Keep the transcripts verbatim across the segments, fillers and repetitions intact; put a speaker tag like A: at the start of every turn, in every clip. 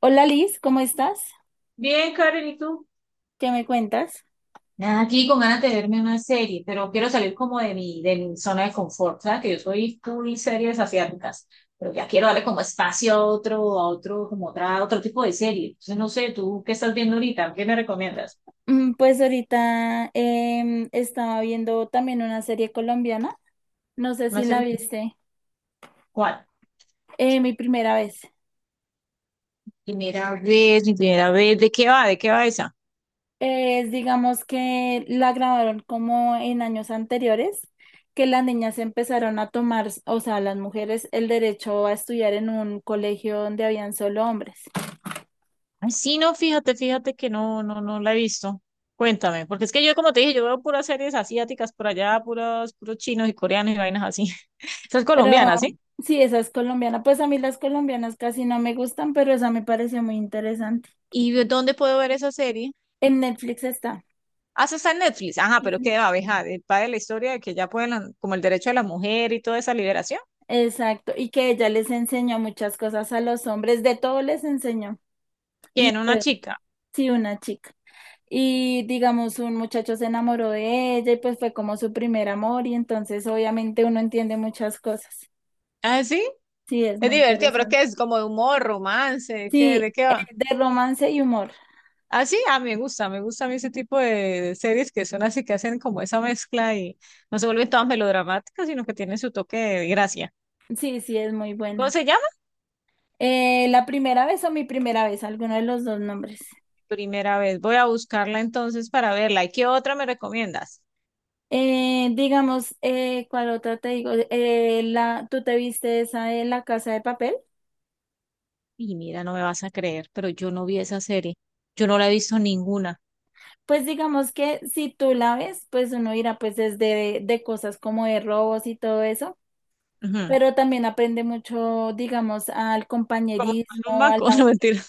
A: Hola Liz, ¿cómo estás?
B: Bien, Karen, ¿y tú?
A: ¿Qué me cuentas?
B: Nada, aquí con ganas de verme una serie, pero quiero salir como de mi, de mi zona de confort, ¿sabes? Que yo soy full series asiáticas, pero ya quiero darle como espacio a otro, a otro, como otra, otro tipo de serie. Entonces, no sé, ¿tú qué estás viendo ahorita? ¿Qué me recomiendas?
A: Mm, Pues ahorita em, estaba viendo también una serie colombiana, no sé
B: ¿Una
A: si la
B: serie?
A: viste,
B: ¿Cuál?
A: eh, mi primera vez.
B: Primera vez, mi primera vez. ¿De qué va? ¿De qué va esa?
A: Es, digamos que la grabaron como en años anteriores, que las niñas empezaron a tomar, o sea, las mujeres, el derecho a estudiar en un colegio donde habían solo hombres.
B: Ay, sí, no, fíjate, fíjate que no, no, no la he visto. Cuéntame, porque es que yo, como te dije, yo veo puras series asiáticas por allá, puros, puros chinos y coreanos y vainas así. Esa es
A: Pero
B: colombiana, ¿sí?
A: sí, esa es colombiana. Pues a mí las colombianas casi no me gustan, pero esa me pareció muy interesante.
B: ¿Y dónde puedo ver esa serie?
A: En Netflix está.
B: Ah, esa está en Netflix. Ajá,
A: Sí,
B: pero qué
A: sí.
B: va, abeja, de- va de la historia de que ya pueden, la- como el derecho de la mujer y toda esa liberación.
A: Exacto, y que ella les enseñó muchas cosas a los hombres, de todo les enseñó. Y
B: ¿Quién? Una
A: fue,
B: chica.
A: sí, una chica. Y digamos, un muchacho se enamoró de ella y pues fue como su primer amor y entonces obviamente uno entiende muchas cosas.
B: Ah, sí.
A: Sí, es
B: Es
A: muy
B: divertido, pero es
A: interesante.
B: que es como de humor, romance, ¿qué,
A: Sí,
B: de qué
A: eh,
B: va?
A: de romance y humor.
B: Ah, sí, ah, me gusta, me gusta a mí ese tipo de, de series que son así, que hacen como esa mezcla y no se vuelven todas melodramáticas, sino que tienen su toque de gracia.
A: Sí, sí, es muy
B: ¿Cómo
A: buena.
B: se llama?
A: Eh, la primera vez o mi primera vez, alguno de los dos nombres.
B: Primera vez. Voy a buscarla entonces para verla. ¿Y qué otra me recomiendas?
A: Eh, digamos, eh, ¿cuál otra te digo? Eh, la, ¿tú te viste esa de La Casa de Papel?
B: Y mira, no me vas a creer, pero yo no vi esa serie. Yo no la he visto ninguna.
A: Pues digamos que si tú la ves, pues uno irá pues desde de cosas como de robos y todo eso,
B: Ujú.
A: pero también aprende mucho, digamos, al
B: Como tomar un
A: compañerismo, a
B: maco,
A: la...
B: no mentira.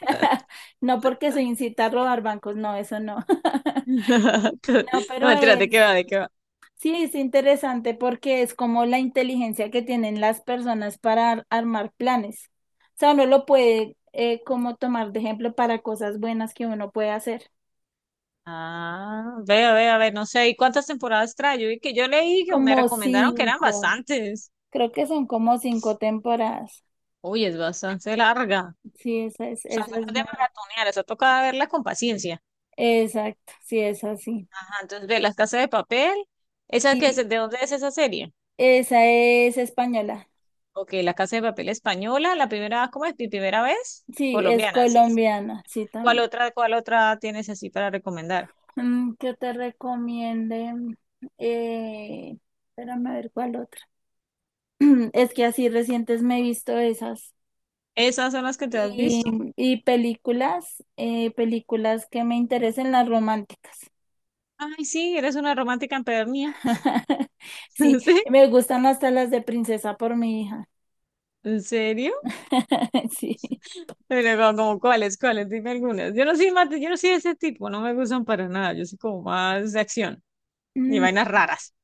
A: No porque se incita a robar bancos, no, eso no. No,
B: No
A: pero
B: mentira, ¿de qué
A: es,
B: va? ¿De qué va?
A: sí, es interesante porque es como la inteligencia que tienen las personas para ar- armar planes. O sea, uno lo puede eh, como tomar de ejemplo para cosas buenas que uno puede hacer.
B: Ah, veo, veo, a ver, no sé. ¿Y cuántas temporadas trae? Yo vi que yo leí que me
A: Como
B: recomendaron que eran
A: cinco,
B: bastantes.
A: creo que son como cinco temporadas.
B: Uy, es bastante larga.
A: Sí, esa es,
B: O sea, esa
A: esa
B: no
A: es
B: es de
A: buena.
B: maratonear, esa toca verla con paciencia.
A: Exacto, sí, es así.
B: Ajá, entonces ve Las Casas de Papel. ¿Esa que es?
A: Y
B: ¿De dónde es esa serie?
A: esa es española.
B: Ok, La Casa de Papel española, la primera, ¿cómo es? Mi primera vez,
A: Sí, es
B: colombiana, sí.
A: colombiana, sí,
B: ¿Cuál
A: también.
B: otra, cuál otra tienes así para recomendar?
A: Mm, ¿Que te recomiende? Eh, Espérame a ver cuál otra. Es que así recientes me he visto esas.
B: ¿Esas son las que te has
A: Y,
B: visto?
A: y películas, eh, películas que me interesen las románticas.
B: Ay, sí, eres una romántica empedernida.
A: Sí,
B: ¿Sí?
A: me gustan hasta las de princesa por mi hija.
B: ¿En serio?
A: Sí.
B: Pero como, como, ¿cuáles, cuáles? Dime algunas. Yo no soy más, yo no soy de ese tipo, no me gustan para nada. Yo soy como más de acción y
A: Mm,
B: vainas raras.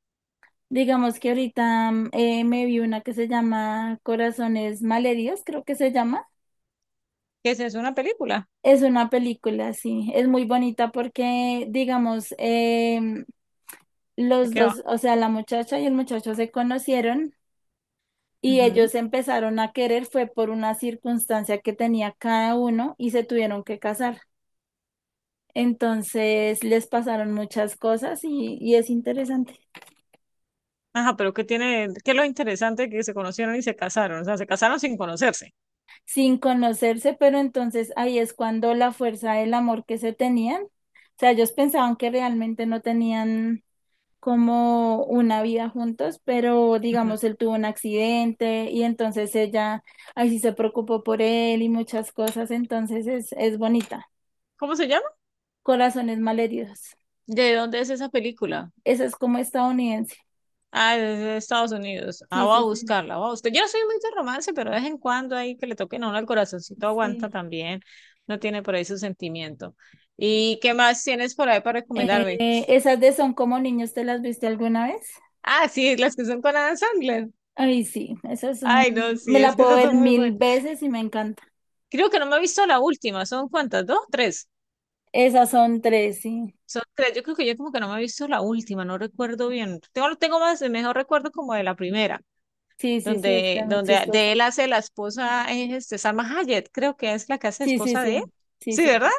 A: Digamos que ahorita mm, eh, me vi una que se llama Corazones Malheridos, creo que se llama.
B: ¿Qué es eso? ¿Una película?
A: Es una película, sí, es muy bonita porque, digamos, em,
B: ¿De
A: los
B: qué va?
A: dos, o sea, la muchacha y el muchacho se conocieron y
B: Ujú.
A: ellos se empezaron a querer, fue por una circunstancia que tenía cada uno y se tuvieron que casar. Entonces les pasaron muchas cosas y, y es interesante.
B: Ajá, pero ¿qué tiene, qué es lo interesante que se conocieron y se casaron? O sea, se casaron sin conocerse.
A: Sin conocerse, pero entonces ahí es cuando la fuerza del amor que se tenían. O sea, ellos pensaban que realmente no tenían como una vida juntos, pero
B: Ujú.
A: digamos, él tuvo un accidente y entonces ella, ahí sí se preocupó por él y muchas cosas, entonces es, es bonita.
B: ¿Cómo se llama?
A: Corazones malheridos.
B: ¿De dónde es esa película?
A: Esa es como estadounidense.
B: Ah, es de Estados Unidos. Ah,
A: Sí,
B: voy a
A: sí, sí.
B: buscarla, voy a buscar. Yo no soy muy de romance, pero de vez en cuando ahí que le toquen a uno el corazoncito
A: Sí.
B: aguanta también. No tiene por ahí su sentimiento. ¿Y qué más tienes por ahí para recomendarme?
A: Eh, esas de Son como niños, ¿te las viste alguna vez?
B: Ah, sí, las que son con Adam Sandler.
A: Ay, sí, esas son,
B: Ay, no,
A: me
B: sí,
A: la
B: es que
A: puedo
B: esas
A: ver
B: son muy
A: mil
B: buenas.
A: veces y me encanta.
B: Creo que no me he visto la última. ¿Son cuántas? ¿Dos? ¿Tres?
A: Esas son tres, sí.
B: Son tres. Yo creo que yo como que no me he visto la última, no recuerdo bien. Tengo, tengo más, mejor recuerdo como de la primera.
A: Sí, sí, sí, es que
B: donde,
A: es muy
B: donde de
A: chistosa.
B: él hace la esposa, es este, Salma Hayek, creo que es la que hace
A: Sí, sí,
B: esposa de
A: sí,
B: él.
A: sí,
B: Sí,
A: sí,
B: ¿verdad?
A: sí.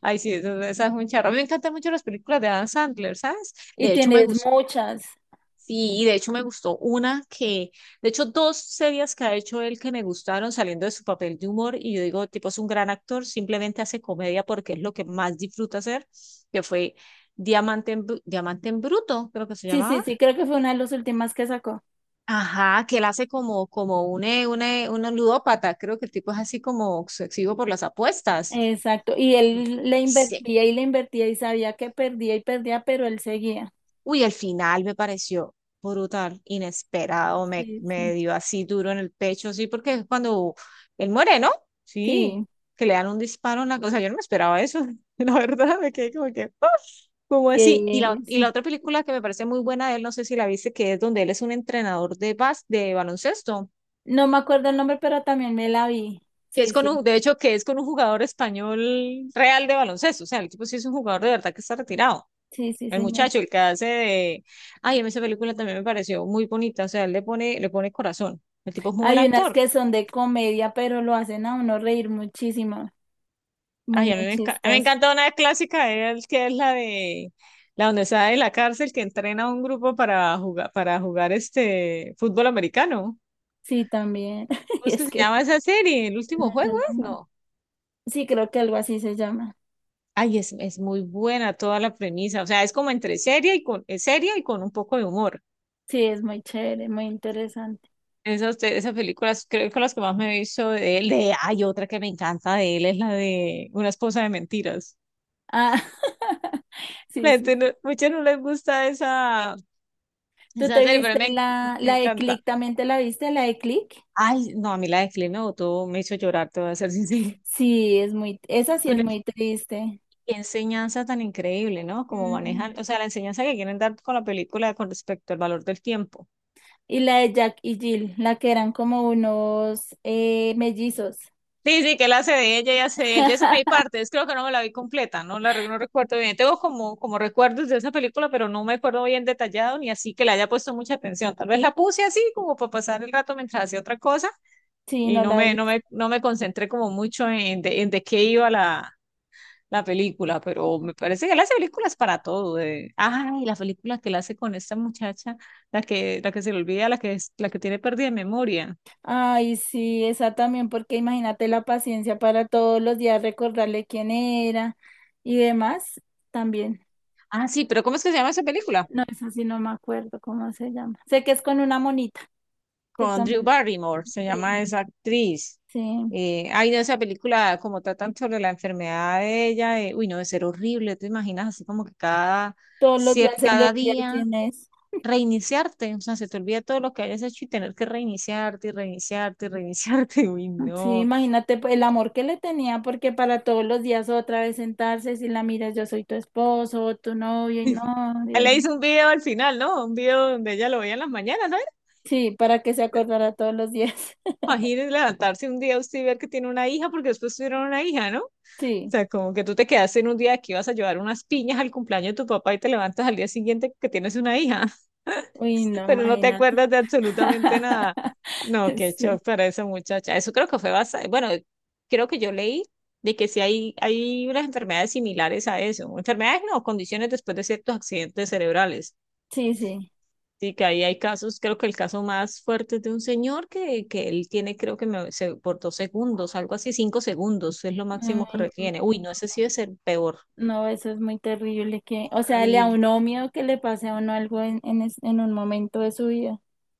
B: Ay, sí, eso- esa es un charro. A mí me encantan mucho las películas de Adam Sandler, ¿sabes?
A: Y
B: De hecho, me
A: tienes
B: gustó.
A: muchas.
B: Sí, de hecho me gustó una que, de hecho, dos series que ha hecho él que me gustaron saliendo de su papel de humor y yo digo, tipo, es un gran actor, simplemente hace comedia porque es lo que más disfruta hacer, que fue Diamante en, Bru- Diamante en Bruto, creo que se
A: Sí, sí,
B: llamaba.
A: sí, creo que fue una de las últimas que sacó.
B: Ajá, que él hace como, como un, eh, un, eh, un ludópata, creo que el tipo es así como obsesivo por las apuestas.
A: Exacto. Y él le
B: Sí.
A: invertía y le invertía y sabía que perdía y perdía, pero él seguía.
B: Uy, el final me pareció brutal, inesperado, me,
A: Sí,
B: me
A: sí.
B: dio así duro en el pecho, sí, porque es cuando él muere, ¿no? Sí,
A: Sí,
B: que le dan un disparo en la cosa, yo no me esperaba eso, la verdad, me quedé como que, ¡ah! ¿Cómo
A: y
B: así? Y la, y
A: eso.
B: la otra película que me parece muy buena de él, no sé si la viste, que es donde él es un entrenador de, bas de baloncesto.
A: No me acuerdo el nombre, pero también me la vi.
B: Que
A: Sí,
B: es con
A: sí,
B: un, de hecho, que es con un jugador español real de baloncesto. O sea, el tipo sí es un jugador de verdad que está retirado.
A: sí, sí,
B: El
A: señor.
B: muchacho, el que hace de. Ay, a mí esa película también me pareció muy bonita. O sea, él le pone, le pone corazón. El tipo es muy buen
A: Hay unas
B: actor.
A: que son de comedia, pero lo hacen a uno reír muchísimo. Muy,
B: Ay, a mí
A: muy
B: me, encanta me
A: chistoso.
B: encanta una clásica de él, que es la de. La donde está en la cárcel, que entrena a un grupo para jugar, para jugar este fútbol americano.
A: Sí, también.
B: ¿Cómo
A: Y
B: es que
A: es
B: se
A: que,
B: llama esa serie? ¿El
A: no,
B: último
A: yo
B: juego
A: no.
B: es?
A: me-
B: No.
A: Sí, creo que algo así se llama.
B: Ay, es, es muy buena toda la premisa. O sea, es como entre seria y con, es seria y con un poco de humor.
A: Sí, es muy chévere, muy interesante.
B: Esas, te- esas películas creo que las que más me he visto de él. De, hay otra que me encanta de él, es la de Una esposa de mentiras.
A: Ah, sí,
B: La
A: sí.
B: gente no, muchas no les gusta esa,
A: ¿Tú
B: esa
A: te
B: serie, pero
A: viste
B: me,
A: la,
B: me
A: la de
B: encanta.
A: Click? ¿También te la viste, la de Click?
B: Ay, no, a mí la de Clint me botó, me hizo llorar, te voy a ser sincera.
A: Sí, es muy, esa sí
B: Con
A: es
B: el-
A: muy triste.
B: Qué enseñanza tan increíble, ¿no? Como
A: Mm,
B: manejan, o sea, la enseñanza que quieren dar con la película con respecto al valor del tiempo.
A: Y la de Jack y Jill, la que eran como unos eh, mellizos.
B: Sí, sí, que él hace de ella y hace de él. De esa me di partes, creo que no me la vi completa, no la re- no recuerdo bien. Tengo como, como recuerdos de esa película, pero no me acuerdo bien detallado ni así que le haya puesto mucha atención. Tal vez la puse así como para pasar el rato mientras hacía otra cosa
A: Sí,
B: y
A: no
B: no
A: la
B: me,
A: vi.
B: no me, no me concentré como mucho en de, en de qué iba la, la película, pero me parece que él hace películas para todo. eh. Ay, la película que él hace con esta muchacha, la que, la que se le olvida, la que, es, la que tiene pérdida de memoria.
A: Ay, sí, esa también, porque imagínate la paciencia para todos los días recordarle quién era y demás también.
B: Ah, sí, pero ¿cómo es que se llama esa película?
A: No, esa sí no me acuerdo cómo se llama. Sé que es con una monita. Que
B: Con Drew
A: también,
B: Barrymore, se
A: sí,
B: llama esa actriz.
A: sí,
B: Eh, hay de esa película, como tratan sobre la enfermedad de ella, eh, uy, no, de ser horrible, te imaginas así como que cada,
A: todos los días
B: cier-
A: se le
B: cada
A: olvida
B: día
A: quién es.
B: reiniciarte, o sea, se te olvida todo lo que hayas hecho y tener que reiniciarte y reiniciarte y reiniciarte, uy,
A: Sí,
B: no.
A: imagínate pues, el amor que le tenía, porque para todos los días otra vez sentarse, si la miras, yo soy tu esposo, tu novio, y no,
B: Él
A: Dios
B: le
A: mío.
B: hizo un video al final, ¿no? Un video donde ella lo veía en las mañanas, ¿no?
A: Sí, para que se acordara todos los días.
B: Imagínense levantarse un día usted y ver que tiene una hija, porque después tuvieron una hija, ¿no?
A: Sí,
B: Sea, como que tú te quedaste en un día que ibas a llevar unas piñas al cumpleaños de tu papá y te levantas al día siguiente que tienes una hija,
A: uy, no,
B: pero no te
A: imagínate.
B: acuerdas de absolutamente nada. No, qué
A: Sí,
B: shock para esa muchacha. Eso creo que fue bastante, bueno, creo que yo leí de que sí hay, hay unas enfermedades similares a eso. Enfermedades no, condiciones después de ciertos accidentes cerebrales.
A: sí, sí.
B: Sí, que ahí hay casos, creo que el caso más fuerte es de un señor que, que él tiene, creo que me- se- por dos segundos, algo así, cinco segundos, es lo máximo que
A: Ay,
B: retiene. Uy, no,
A: no,
B: ese sí debe ser peor.
A: no, eso es muy terrible que, o sea, le a
B: Horrible.
A: uno miedo que le pase a uno algo en, en, es- en un momento de su vida.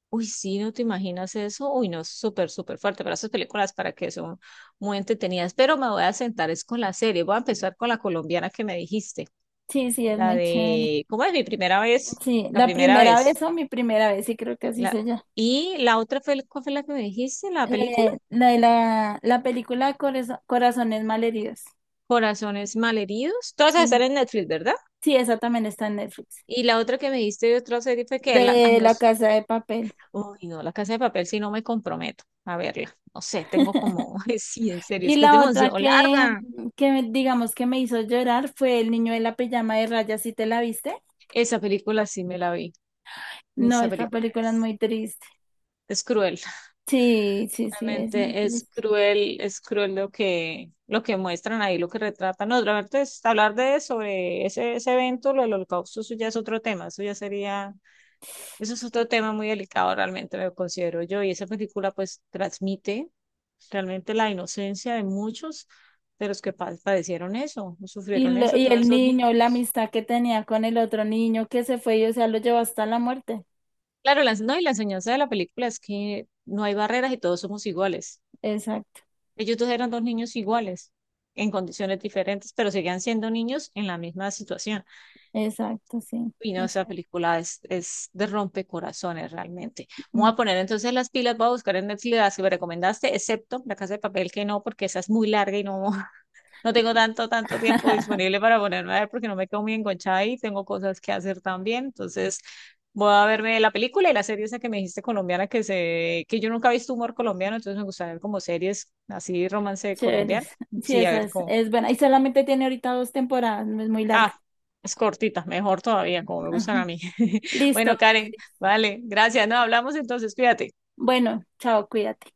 B: Uy, sí, no te imaginas eso. Uy, no, es súper, súper fuerte. Pero esas películas para que son muy entretenidas. Pero me voy a sentar es con la serie. Voy a empezar con la colombiana que me dijiste.
A: Sí, sí, es
B: La
A: muy chévere.
B: de, ¿cómo es mi primera vez?
A: Sí,
B: La
A: la
B: primera
A: primera vez
B: vez.
A: o mi primera vez, sí creo que así se
B: La...
A: llama.
B: Y la otra fue, ¿cuál fue la que me dijiste? La película.
A: Eh, la de la, la película Corazo- Corazones Malheridos.
B: Corazones malheridos. Todas esas
A: Sí.
B: están en Netflix, ¿verdad?
A: Sí, esa también está en Netflix.
B: Y la otra que me dijiste de otra serie fue que la, ay,
A: De
B: no
A: La
B: es,
A: Casa de Papel.
B: uy, no, La Casa de Papel, si no me comprometo a verla. No sé, tengo como, sí, en serio,
A: Y
B: es que es
A: la otra
B: demasiado
A: que,
B: larga.
A: que me- digamos que me hizo llorar fue El niño de la pijama de rayas, ¿sí te la viste?
B: Esa película sí me la vi.
A: No,
B: Esa
A: esta
B: película
A: película es
B: es,
A: muy triste.
B: es cruel.
A: Sí, sí, sí, es muy
B: Realmente es
A: triste.
B: cruel, es cruel lo que, lo que muestran ahí, lo que retratan. No, realmente es- hablar de sobre ese, ese evento, lo del holocausto, eso ya es otro tema. Eso ya sería, eso es otro tema muy delicado realmente, lo considero yo. Y esa película pues transmite realmente la inocencia de muchos de los que pa- padecieron eso,
A: Y,
B: sufrieron
A: lo-
B: eso,
A: y
B: todos
A: el
B: esos
A: niño, la
B: niños.
A: amistad que tenía con el otro niño que se fue y o sea, lo llevó hasta la muerte.
B: Claro, la, no, y la enseñanza de la película es que no hay barreras y todos somos iguales.
A: Exacto.
B: Ellos dos eran dos niños iguales, en condiciones diferentes, pero seguían siendo niños en la misma situación.
A: Exacto, sí.
B: Y no,
A: Esa
B: esa
A: es
B: película es, es de rompecorazones realmente. Me voy a poner entonces las pilas, voy a buscar en Netflix las que me recomendaste, excepto La Casa de Papel, que no, porque esa es muy larga y no, no tengo tanto, tanto tiempo disponible para ponerme a ver porque no me quedo muy enganchada y tengo cosas que hacer también. Entonces, voy a verme la película y la serie esa que me dijiste colombiana que se, que yo nunca he visto humor colombiano, entonces me gusta ver como series así romance colombiano.
A: Chéveres. Sí,
B: Sí, a
A: esa
B: ver
A: es,
B: cómo.
A: es buena. Y solamente tiene ahorita dos temporadas, no es muy larga.
B: Ah, es cortita, mejor todavía, como me
A: Ajá.
B: gustan a mí.
A: Listo.
B: Bueno, Karen, vale, gracias. No, hablamos entonces, cuídate.
A: Bueno, chao, cuídate.